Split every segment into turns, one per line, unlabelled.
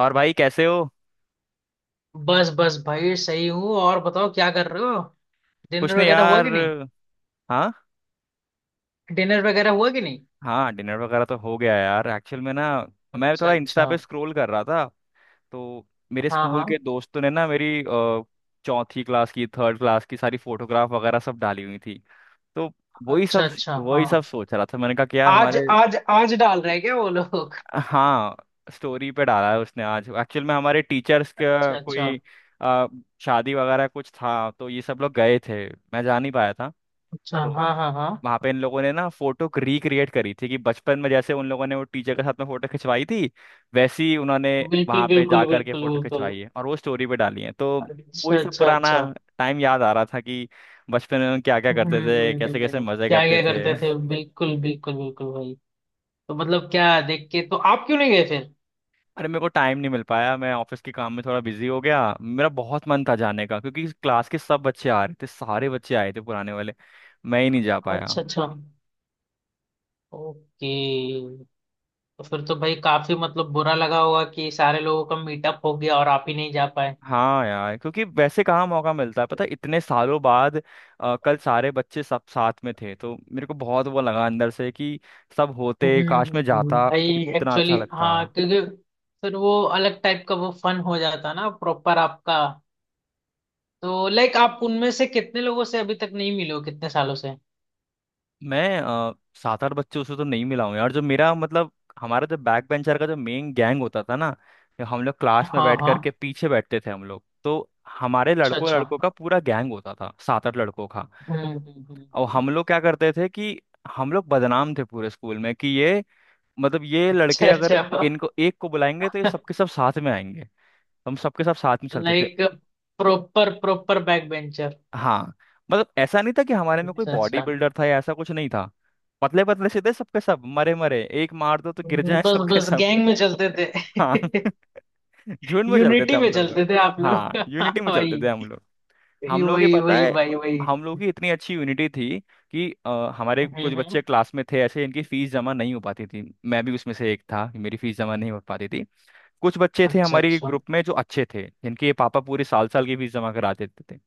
और भाई कैसे हो।
बस बस भाई सही हूँ। और बताओ क्या कर रहे हो?
कुछ
डिनर
नहीं
वगैरह हुआ
यार।
कि नहीं?
हाँ।
डिनर वगैरह हुआ कि नहीं?
हाँ डिनर वगैरह तो हो गया यार एक्चुअल में ना। मैं
अच्छा
थोड़ा इंस्टा
अच्छा।
पे स्क्रॉल कर रहा था तो मेरे
हाँ
स्कूल
हाँ।
के दोस्तों ने ना मेरी चौथी क्लास की थर्ड क्लास की सारी फोटोग्राफ वगैरह सब डाली हुई थी। तो वही
अच्छा
सब
अच्छा।
वही
हाँ।
सब सोच रहा था मैंने कहा कि यार
आज
हमारे।
आज आज डाल रहे हैं क्या वो लोग?
हाँ। स्टोरी पे डाला है उसने आज एक्चुअल में हमारे टीचर्स का
अच्छा अच्छा
कोई अ, शादी वगैरह कुछ था तो ये सब लोग गए थे। मैं जा नहीं पाया था।
अच्छा।
तो
हाँ हाँ हाँ।
वहां पे इन लोगों ने ना फोटो रिक्रिएट करी थी कि बचपन में जैसे उन लोगों ने वो टीचर के साथ में फोटो खिंचवाई थी वैसी उन्होंने वहां
बिल्कुल
पे जा
बिल्कुल
करके
बिल्कुल
फोटो
बिल्कुल।
खिंचवाई है और वो स्टोरी पे डाली है। तो वो ये
अच्छा
सब
अच्छा
पुराना
अच्छा।
टाइम याद आ रहा था कि बचपन में हम क्या क्या करते थे कैसे कैसे मजे
क्या
करते
क्या
थे।
करते थे, बिल्कुल बिल्कुल बिल्कुल भाई। तो मतलब क्या देख के, तो आप क्यों नहीं गए फिर?
अरे मेरे को टाइम नहीं मिल पाया, मैं ऑफिस के काम में थोड़ा बिजी हो गया। मेरा बहुत मन था जाने का क्योंकि क्लास के सब बच्चे आ रहे थे, सारे बच्चे आए थे पुराने वाले। मैं ही नहीं जा पाया।
अच्छा अच्छा। ओके। तो फिर तो भाई काफी मतलब बुरा लगा होगा कि सारे लोगों का मीटअप हो गया और आप ही नहीं जा पाए।
हाँ यार, क्योंकि वैसे कहाँ मौका मिलता है पता है इतने सालों बाद। कल सारे बच्चे सब साथ में थे तो मेरे को बहुत वो लगा अंदर से कि सब होते काश, में जाता
भाई।
कितना अच्छा
एक्चुअली
लगता।
हाँ, क्योंकि फिर वो अलग टाइप का वो फन हो जाता ना प्रॉपर आपका। तो लाइक आप उनमें से कितने लोगों से अभी तक नहीं मिले हो, कितने सालों से?
मैं सात आठ बच्चों से तो नहीं मिला हूँ यार, जो मेरा मतलब हमारा जो बैक बेंचर का जो मेन गैंग होता था ना, जो हम लोग क्लास में
हाँ
बैठ करके
हाँ।
पीछे बैठते थे हम लोग तो। हमारे
अच्छा
लड़कों
अच्छा।
लड़कों का पूरा गैंग होता था सात आठ लड़कों का।
हम्म, हम्म,
और
हम्म।
हम लोग क्या करते थे कि हम लोग बदनाम थे पूरे स्कूल में कि ये मतलब ये
अच्छा
लड़के अगर
अच्छा।
इनको एक को बुलाएंगे तो ये सबके सब साथ में आएंगे। हम सबके सब साथ में चलते थे।
Like proper proper back bencher.
हाँ। मतलब ऐसा नहीं था कि हमारे में कोई
अच्छा
बॉडी
अच्छा।
बिल्डर था या ऐसा, कुछ नहीं था। पतले पतले से थे सबके सब, मरे मरे, एक मार दो तो गिर जाए
बस
सबके
बस
सब।
गैंग में चलते
हाँ।
थे।
झुंड में चलते थे
यूनिटी
हम
में
सब लोग।
चलते थे आप
हाँ
लोग
यूनिटी में चलते थे हम
भाई।
लोग।
वही
हम लोग के
वही
पता
वही
है
भाई वही।
हम लोग की इतनी अच्छी यूनिटी थी कि हमारे कुछ
हम्म
बच्चे
हम्म,
क्लास में थे ऐसे, इनकी फीस जमा नहीं हो पाती थी। मैं भी उसमें से एक था, मेरी फीस जमा नहीं हो पाती थी। कुछ बच्चे थे
अच्छा
हमारे
अच्छा।
ग्रुप में जो अच्छे थे, जिनके पापा पूरे साल साल की फीस जमा करा देते थे।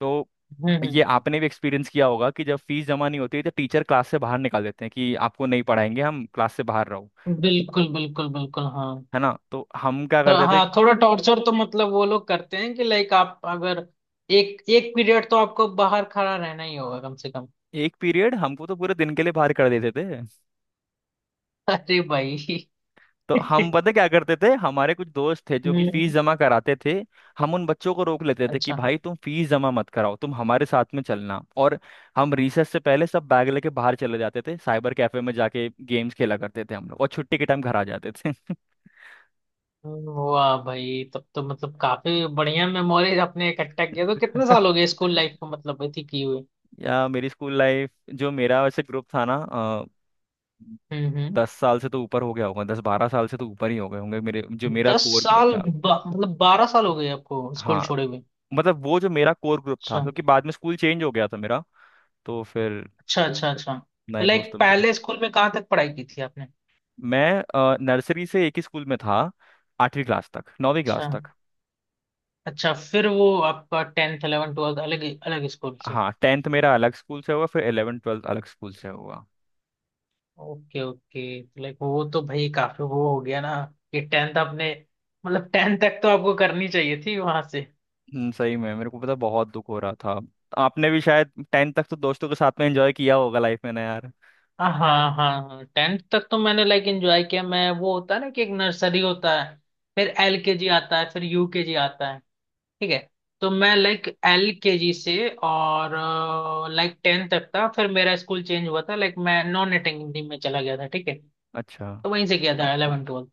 तो
हम्म
ये
हम्म
आपने भी एक्सपीरियंस किया होगा कि जब फीस जमा नहीं होती है तो टीचर क्लास से बाहर निकाल देते हैं कि आपको नहीं पढ़ाएंगे हम, क्लास से बाहर रहो।
बिल्कुल बिल्कुल बिल्कुल हाँ।
है ना, तो हम क्या
तो
करते थे।
हाँ, थोड़ा टॉर्चर तो मतलब वो लोग करते हैं कि लाइक आप अगर एक एक पीरियड तो आपको बाहर खड़ा रहना ही होगा कम से कम।
एक पीरियड हमको, तो पूरे दिन के लिए बाहर कर देते थे।
अरे भाई
तो हम पता क्या करते थे, हमारे कुछ दोस्त थे जो कि फीस
हम्म।
जमा कराते थे। हम उन बच्चों को रोक लेते थे कि
अच्छा।
भाई तुम फीस जमा मत कराओ, तुम हमारे साथ में चलना। और हम रिसेस से पहले सब बैग लेके बाहर चले जाते थे, साइबर कैफे में जाके गेम्स खेला करते थे हम लोग, और छुट्टी के टाइम घर आ जाते थे।
वाह भाई, तब तो मतलब काफी बढ़िया मेमोरीज आपने इकट्ठा किया। तो कितने साल हो गए स्कूल लाइफ को, मतलब इतनी की हुई?
या मेरी स्कूल लाइफ, जो मेरा वैसे ग्रुप था ना,
हम्म।
10 साल से तो ऊपर हो गया होगा, 10-12 साल से तो ऊपर ही हो गए होंगे, मेरे जो मेरा कोर ग्रुप था।
मतलब बारह साल हो गए आपको स्कूल
हाँ।
छोड़े हुए।
मतलब वो जो मेरा कोर ग्रुप था
अच्छा।
क्योंकि बाद में स्कूल चेंज हो गया था मेरा। तो फिर
अच्छा अच्छा अच्छा। तो
नए
लाइक
दोस्तों में तो।
पहले स्कूल में कहाँ तक पढ़ाई की थी आपने?
मैं नर्सरी से एक ही स्कूल में था, 8वीं क्लास तक, नौवीं
अच्छा।
क्लास तक।
अच्छा, फिर वो आपका टेंथ 11th 12th अलग अलग स्कूल से?
हाँ टेंथ मेरा अलग स्कूल से हुआ, फिर इलेवन ट्वेल्थ अलग स्कूल से हुआ।
Okay okay. तो लाइक वो तो भाई काफी वो हो गया ना कि टेंथ आपने, मतलब टेंथ तक तो आपको करनी चाहिए थी वहां से।
सही में मेरे को पता बहुत दुख हो रहा था। आपने भी शायद टेंथ तक तो दोस्तों के साथ में एंजॉय किया होगा लाइफ में ना यार।
हाँ हाँ हाँ, टेंथ तक तो मैंने लाइक एंजॉय किया। मैं, वो होता है ना कि एक नर्सरी होता है, फिर एलकेजी आता है, फिर यूकेजी आता है, ठीक है? तो मैं लाइक एल के जी से और लाइक टेन तक था। फिर मेरा स्कूल चेंज हुआ था, लाइक मैं नॉन अटेंडिंग में चला गया था, ठीक है।
अच्छा।
तो वहीं से किया था इलेवन ट्वेल्थ।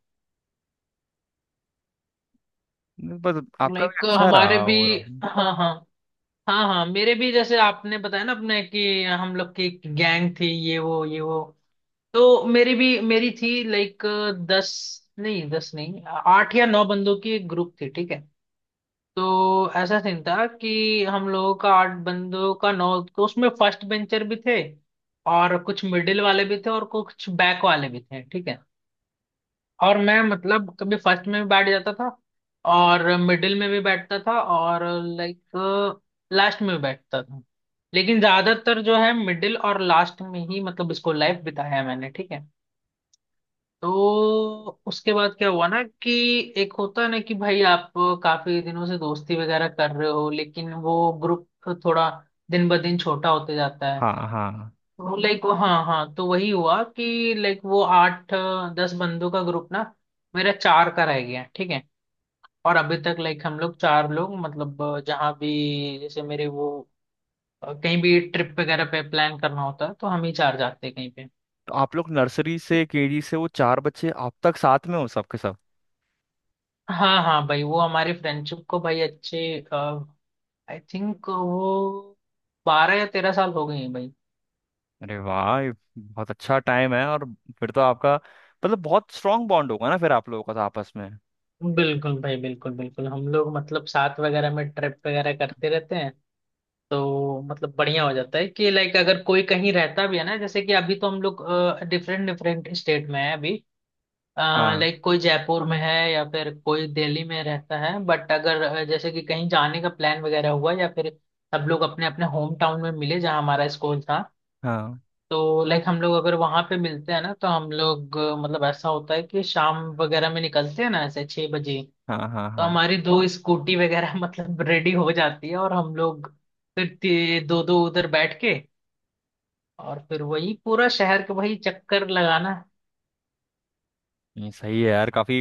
नहीं, बस
तो
आपका भी
लाइक
अच्छा
हमारे
रहा
भी,
ओवरऑल।
हाँ हाँ हाँ हाँ, मेरे भी जैसे आपने बताया ना अपने कि हम लोग की गैंग थी ये वो ये वो। तो मेरी भी मेरी थी, लाइक दस, नहीं दस नहीं, आठ या नौ बंदों की एक ग्रुप थी, ठीक है। तो ऐसा सीन था कि हम लोगों का आठ बंदों का नौ। तो उसमें फर्स्ट बेंचर भी थे, और कुछ मिडिल वाले भी थे, और कुछ बैक वाले भी थे, ठीक है। और मैं मतलब कभी फर्स्ट में भी बैठ जाता था, और मिडिल में भी बैठता था, और लाइक लास्ट में भी बैठता था। लेकिन ज्यादातर जो है मिडिल और लास्ट में ही मतलब स्कूल लाइफ बिताया है मैंने, ठीक है। तो उसके बाद क्या हुआ ना कि एक होता है ना कि भाई आप काफी दिनों से दोस्ती वगैरह कर रहे हो, लेकिन वो ग्रुप थोड़ा दिन ब दिन छोटा होते जाता है।
हाँ हाँ।
तो लाइक, हाँ हाँ, तो वही हुआ कि लाइक वो आठ दस बंदों का ग्रुप ना मेरा चार का रह गया, ठीक है। और अभी तक लाइक हम लोग चार लोग, मतलब जहाँ भी, जैसे मेरे वो, कहीं भी ट्रिप वगैरह पे प्लान करना होता है तो हम ही चार जाते हैं कहीं पे।
तो आप लोग नर्सरी से, केजी से वो चार बच्चे आप तक साथ में हो सबके सब।
हाँ हाँ भाई, वो हमारी फ्रेंडशिप को भाई अच्छे, आई थिंक वो 12 या 13 साल हो गए हैं भाई।
अरे वाह, ये बहुत अच्छा टाइम है। और फिर तो आपका मतलब बहुत स्ट्रांग बॉन्ड होगा ना फिर आप लोगों का तो आपस में।
बिल्कुल भाई बिल्कुल बिल्कुल, हम लोग मतलब साथ वगैरह में ट्रिप वगैरह करते रहते हैं। तो मतलब बढ़िया हो जाता है कि लाइक अगर कोई कहीं रहता भी है ना, जैसे कि अभी तो हम लोग डिफरेंट डिफरेंट स्टेट में है अभी।
हाँ
लाइक कोई जयपुर में है या फिर कोई दिल्ली में रहता है, बट अगर जैसे कि कहीं जाने का प्लान वगैरह हुआ, या फिर सब लोग अपने अपने होम टाउन में मिले जहाँ हमारा स्कूल था,
हाँ
तो लाइक हम लोग अगर वहां पे मिलते हैं ना तो हम लोग मतलब ऐसा होता है कि शाम वगैरह में निकलते हैं ना, ऐसे 6 बजे।
हाँ हाँ
तो
हाँ।
हमारी दो स्कूटी वगैरह मतलब रेडी हो जाती है, और हम लोग फिर दो दो उधर बैठ के, और फिर वही पूरा शहर के वही चक्कर लगाना।
नहीं सही है यार, काफी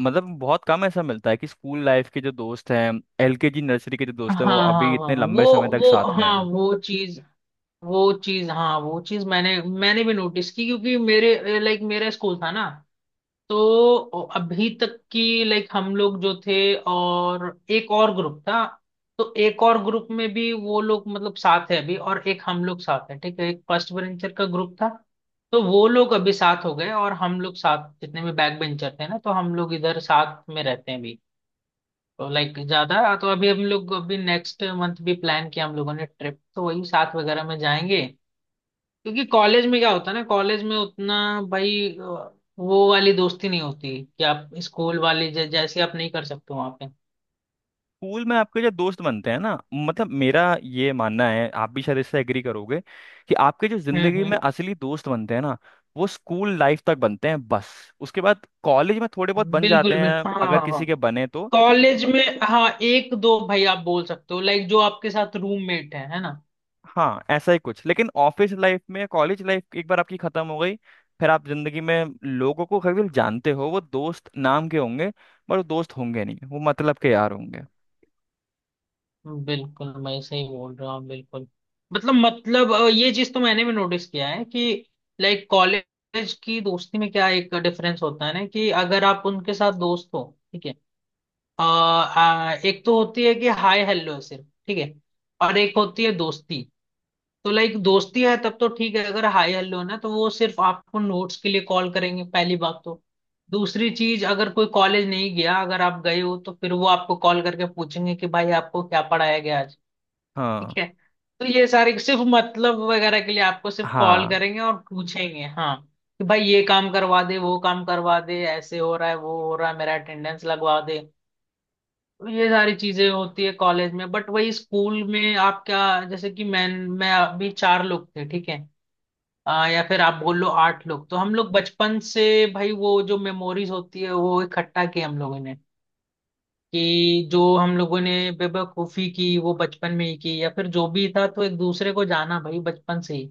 मतलब बहुत कम ऐसा मिलता है कि स्कूल लाइफ के जो दोस्त हैं, एलकेजी नर्सरी के जो
हाँ
दोस्त हैं, वो अभी
हाँ हाँ
इतने
वो
लंबे समय तक
वो
साथ में
हाँ
हैं।
वो चीज, वो चीज हाँ वो चीज, मैंने मैंने भी नोटिस की क्योंकि मेरे लाइक मेरा स्कूल था ना। तो अभी तक की लाइक हम लोग जो थे, और एक और ग्रुप था। तो एक और ग्रुप में भी वो लोग मतलब साथ है अभी, और एक हम लोग साथ है, ठीक है। एक फर्स्ट बेंचर का ग्रुप था, तो वो लोग अभी साथ हो गए, और हम लोग साथ जितने भी बैक बेंचर थे ना, तो हम लोग इधर साथ में रहते हैं अभी। तो लाइक ज्यादा तो अभी हम लोग, अभी नेक्स्ट मंथ भी प्लान किया हम लोगों ने ट्रिप, तो वही साथ वगैरह में जाएंगे। क्योंकि कॉलेज में क्या होता है ना, कॉलेज में उतना भाई, वो वाली दोस्ती नहीं होती कि आप स्कूल वाली, जैसे आप नहीं कर सकते वहां पे।
स्कूल में आपके जो दोस्त बनते हैं ना, मतलब मेरा ये मानना है, आप भी शायद इससे एग्री करोगे कि आपके जो जिंदगी में
हम्म,
असली दोस्त बनते हैं ना, वो स्कूल लाइफ तक बनते हैं बस। उसके बाद कॉलेज में थोड़े बहुत बन जाते
बिल्कुल
हैं
बिल्कुल हाँ
अगर
हाँ हाँ।
किसी के बने तो।
कॉलेज में, हाँ एक दो भाई आप बोल सकते हो, लाइक जो आपके साथ रूममेट है ना।
हाँ ऐसा ही कुछ, लेकिन ऑफिस लाइफ में, कॉलेज लाइफ एक बार आपकी खत्म हो गई, फिर आप जिंदगी में लोगों को केवल जानते हो, वो दोस्त नाम के होंगे। पर वो दोस्त होंगे नहीं, वो मतलब के यार होंगे।
बिल्कुल, मैं सही बोल रहा हूँ बिल्कुल। मतलब मतलब, ये चीज तो मैंने भी नोटिस किया है कि लाइक कॉलेज की दोस्ती में क्या एक डिफरेंस होता है ना कि अगर आप उनके साथ दोस्त हो, ठीक है। आ, आ, एक तो होती है कि हाय हेलो सिर्फ, ठीक है, और एक होती है दोस्ती। तो लाइक दोस्ती है तब तो ठीक है, अगर हाय हेलो है ना तो वो सिर्फ आपको नोट्स के लिए कॉल करेंगे पहली बात तो। दूसरी चीज, अगर कोई कॉलेज नहीं गया, अगर आप गए हो, तो फिर वो आपको कॉल करके पूछेंगे कि भाई आपको क्या पढ़ाया गया आज,
हाँ
ठीक है। तो ये सारे सिर्फ मतलब वगैरह के लिए आपको सिर्फ कॉल
हाँ।
करेंगे और पूछेंगे, हाँ, कि भाई ये काम करवा दे, वो काम करवा दे, ऐसे हो रहा है वो हो रहा है, मेरा अटेंडेंस लगवा दे। ये सारी चीजें होती है कॉलेज में, बट वही स्कूल में आप क्या, जैसे कि मैं अभी चार लोग थे, ठीक है। या फिर आप बोल लो आठ लोग, तो हम लोग बचपन से भाई, वो जो मेमोरीज होती है वो इकट्ठा की हम लोगों ने, कि जो हम लोगों ने बेवकूफी की वो बचपन में ही की, या फिर जो भी था, तो एक दूसरे को जाना भाई बचपन से ही।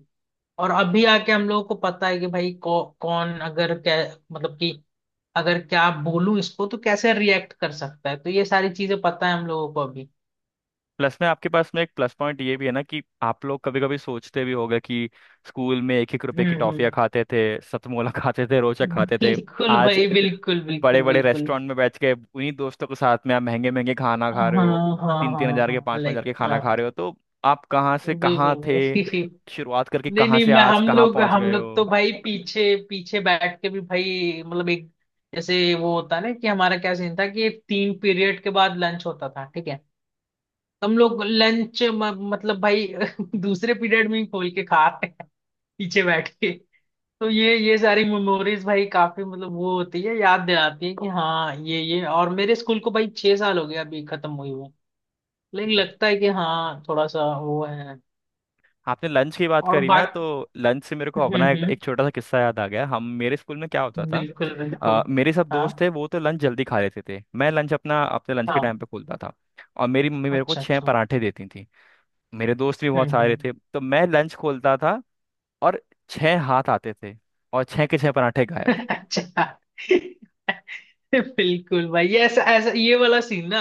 और अभी आके हम लोगों को पता है कि भाई, कौन अगर क्या, मतलब कि अगर क्या बोलूं इसको तो कैसे रिएक्ट कर सकता है, तो ये सारी चीजें पता है हम लोगों को अभी।
प्लस में आपके पास में एक प्लस पॉइंट ये भी है ना कि आप लोग कभी कभी सोचते भी होगे कि स्कूल में एक एक रुपए की
हम्म
टॉफियाँ
हम्म,
खाते थे, सतमोला खाते थे, रोचा खाते थे।
बिल्कुल
आज
भाई बिल्कुल
बड़े
बिल्कुल
बड़े
बिल्कुल।
रेस्टोरेंट में बैठ के उन्हीं दोस्तों के साथ में आप महंगे महंगे खाना
हाँ
खा रहे हो।
हाँ
तीन तीन
हाँ
हजार के,
हाँ
पाँच पाँच हजार
लाइक
के खाना
हाँ।
खा रहे हो। तो आप कहाँ से कहाँ
बिल्कुल
थे,
भाई।
शुरुआत करके
नहीं
कहाँ
नहीं,
से
मैं,
आज
हम
कहाँ
लोग
पहुँच
हम
गए
लोग तो
हो।
भाई पीछे पीछे बैठ के भी भाई मतलब एक, जैसे वो होता है ना कि हमारा क्या सीन था कि 3 पीरियड के बाद लंच होता था, ठीक है। हम लोग लंच मतलब भाई दूसरे पीरियड में ही खोल के खा रहे, पीछे बैठ के। तो ये सारी मेमोरीज भाई काफी मतलब वो होती है, याद दिलाती है कि हाँ ये, और मेरे स्कूल को भाई 6 साल हो गया अभी खत्म हुई हुए, लेकिन
अच्छा।
लगता है कि हाँ थोड़ा सा वो है।
आपने लंच की बात
और
करी ना, तो
बाकी,
लंच से मेरे को
हम्म
अपना एक,
हम्म,
एक छोटा सा किस्सा याद आ गया। हम मेरे स्कूल में क्या होता था,
बिल्कुल बिल्कुल
मेरे सब दोस्त थे
हाँ
वो तो लंच जल्दी खा लेते थे, मैं लंच अपना अपने लंच के टाइम
हाँ।
पे खोलता था। और मेरी मम्मी मेरे को
अच्छा
छह
अच्छा।
पराठे देती थी। मेरे दोस्त भी बहुत सारे
हम्म।
थे तो मैं लंच खोलता था, और छह हाथ आते थे, और छह के छह पराठे गायब।
अच्छा। बिल्कुल भाई, ये ऐसा ऐसा ये वाला सीन ना,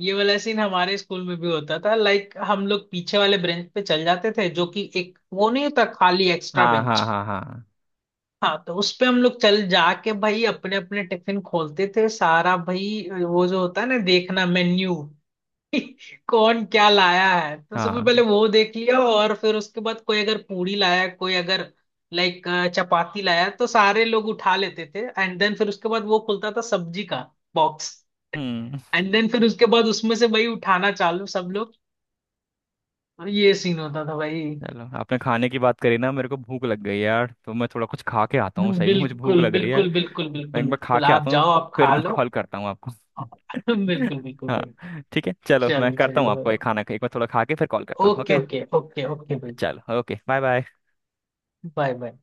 ये वाला सीन हमारे स्कूल में भी होता था। लाइक हम लोग पीछे वाले बेंच पे चल जाते थे, जो कि एक वो नहीं होता खाली एक्स्ट्रा
हाँ हाँ
बेंच।
हाँ हाँ
हाँ, तो उस पे हम लोग चल जाके भाई अपने अपने टिफिन खोलते थे, सारा भाई वो जो होता है ना, देखना मेन्यू कौन क्या लाया है, तो सबसे पहले
हाँ।
वो देख लिया, और फिर उसके बाद कोई अगर पूरी लाया, कोई अगर लाइक चपाती लाया, तो सारे लोग उठा लेते थे, एंड देन फिर उसके बाद वो खुलता था सब्जी का बॉक्स।
हम्म।
एंड देन फिर उसके बाद उसमें से वही उठाना चालू सब लोग। और ये सीन होता था भाई।
चलो आपने खाने की बात करी ना, मेरे को भूख लग गई यार, तो मैं थोड़ा कुछ खा के आता हूँ, सही में मुझे भूख
बिल्कुल
लग रही है।
बिल्कुल बिल्कुल
मैं
बिल्कुल
एक बार खा
बिल्कुल,
के
आप
आता हूँ,
जाओ आप
फिर
खा
मैं
लो।
कॉल करता हूँ आपको।
बिल्कुल बिल्कुल भाई।
हाँ ठीक है, चलो मैं
चलो
करता हूँ
चलो
आपको,
भाई।
एक खाना एक बार थोड़ा खा के फिर कॉल करता हूँ,
okay
okay.
Okay okay okay भाई।
चलो okay bye bye.
Bye bye.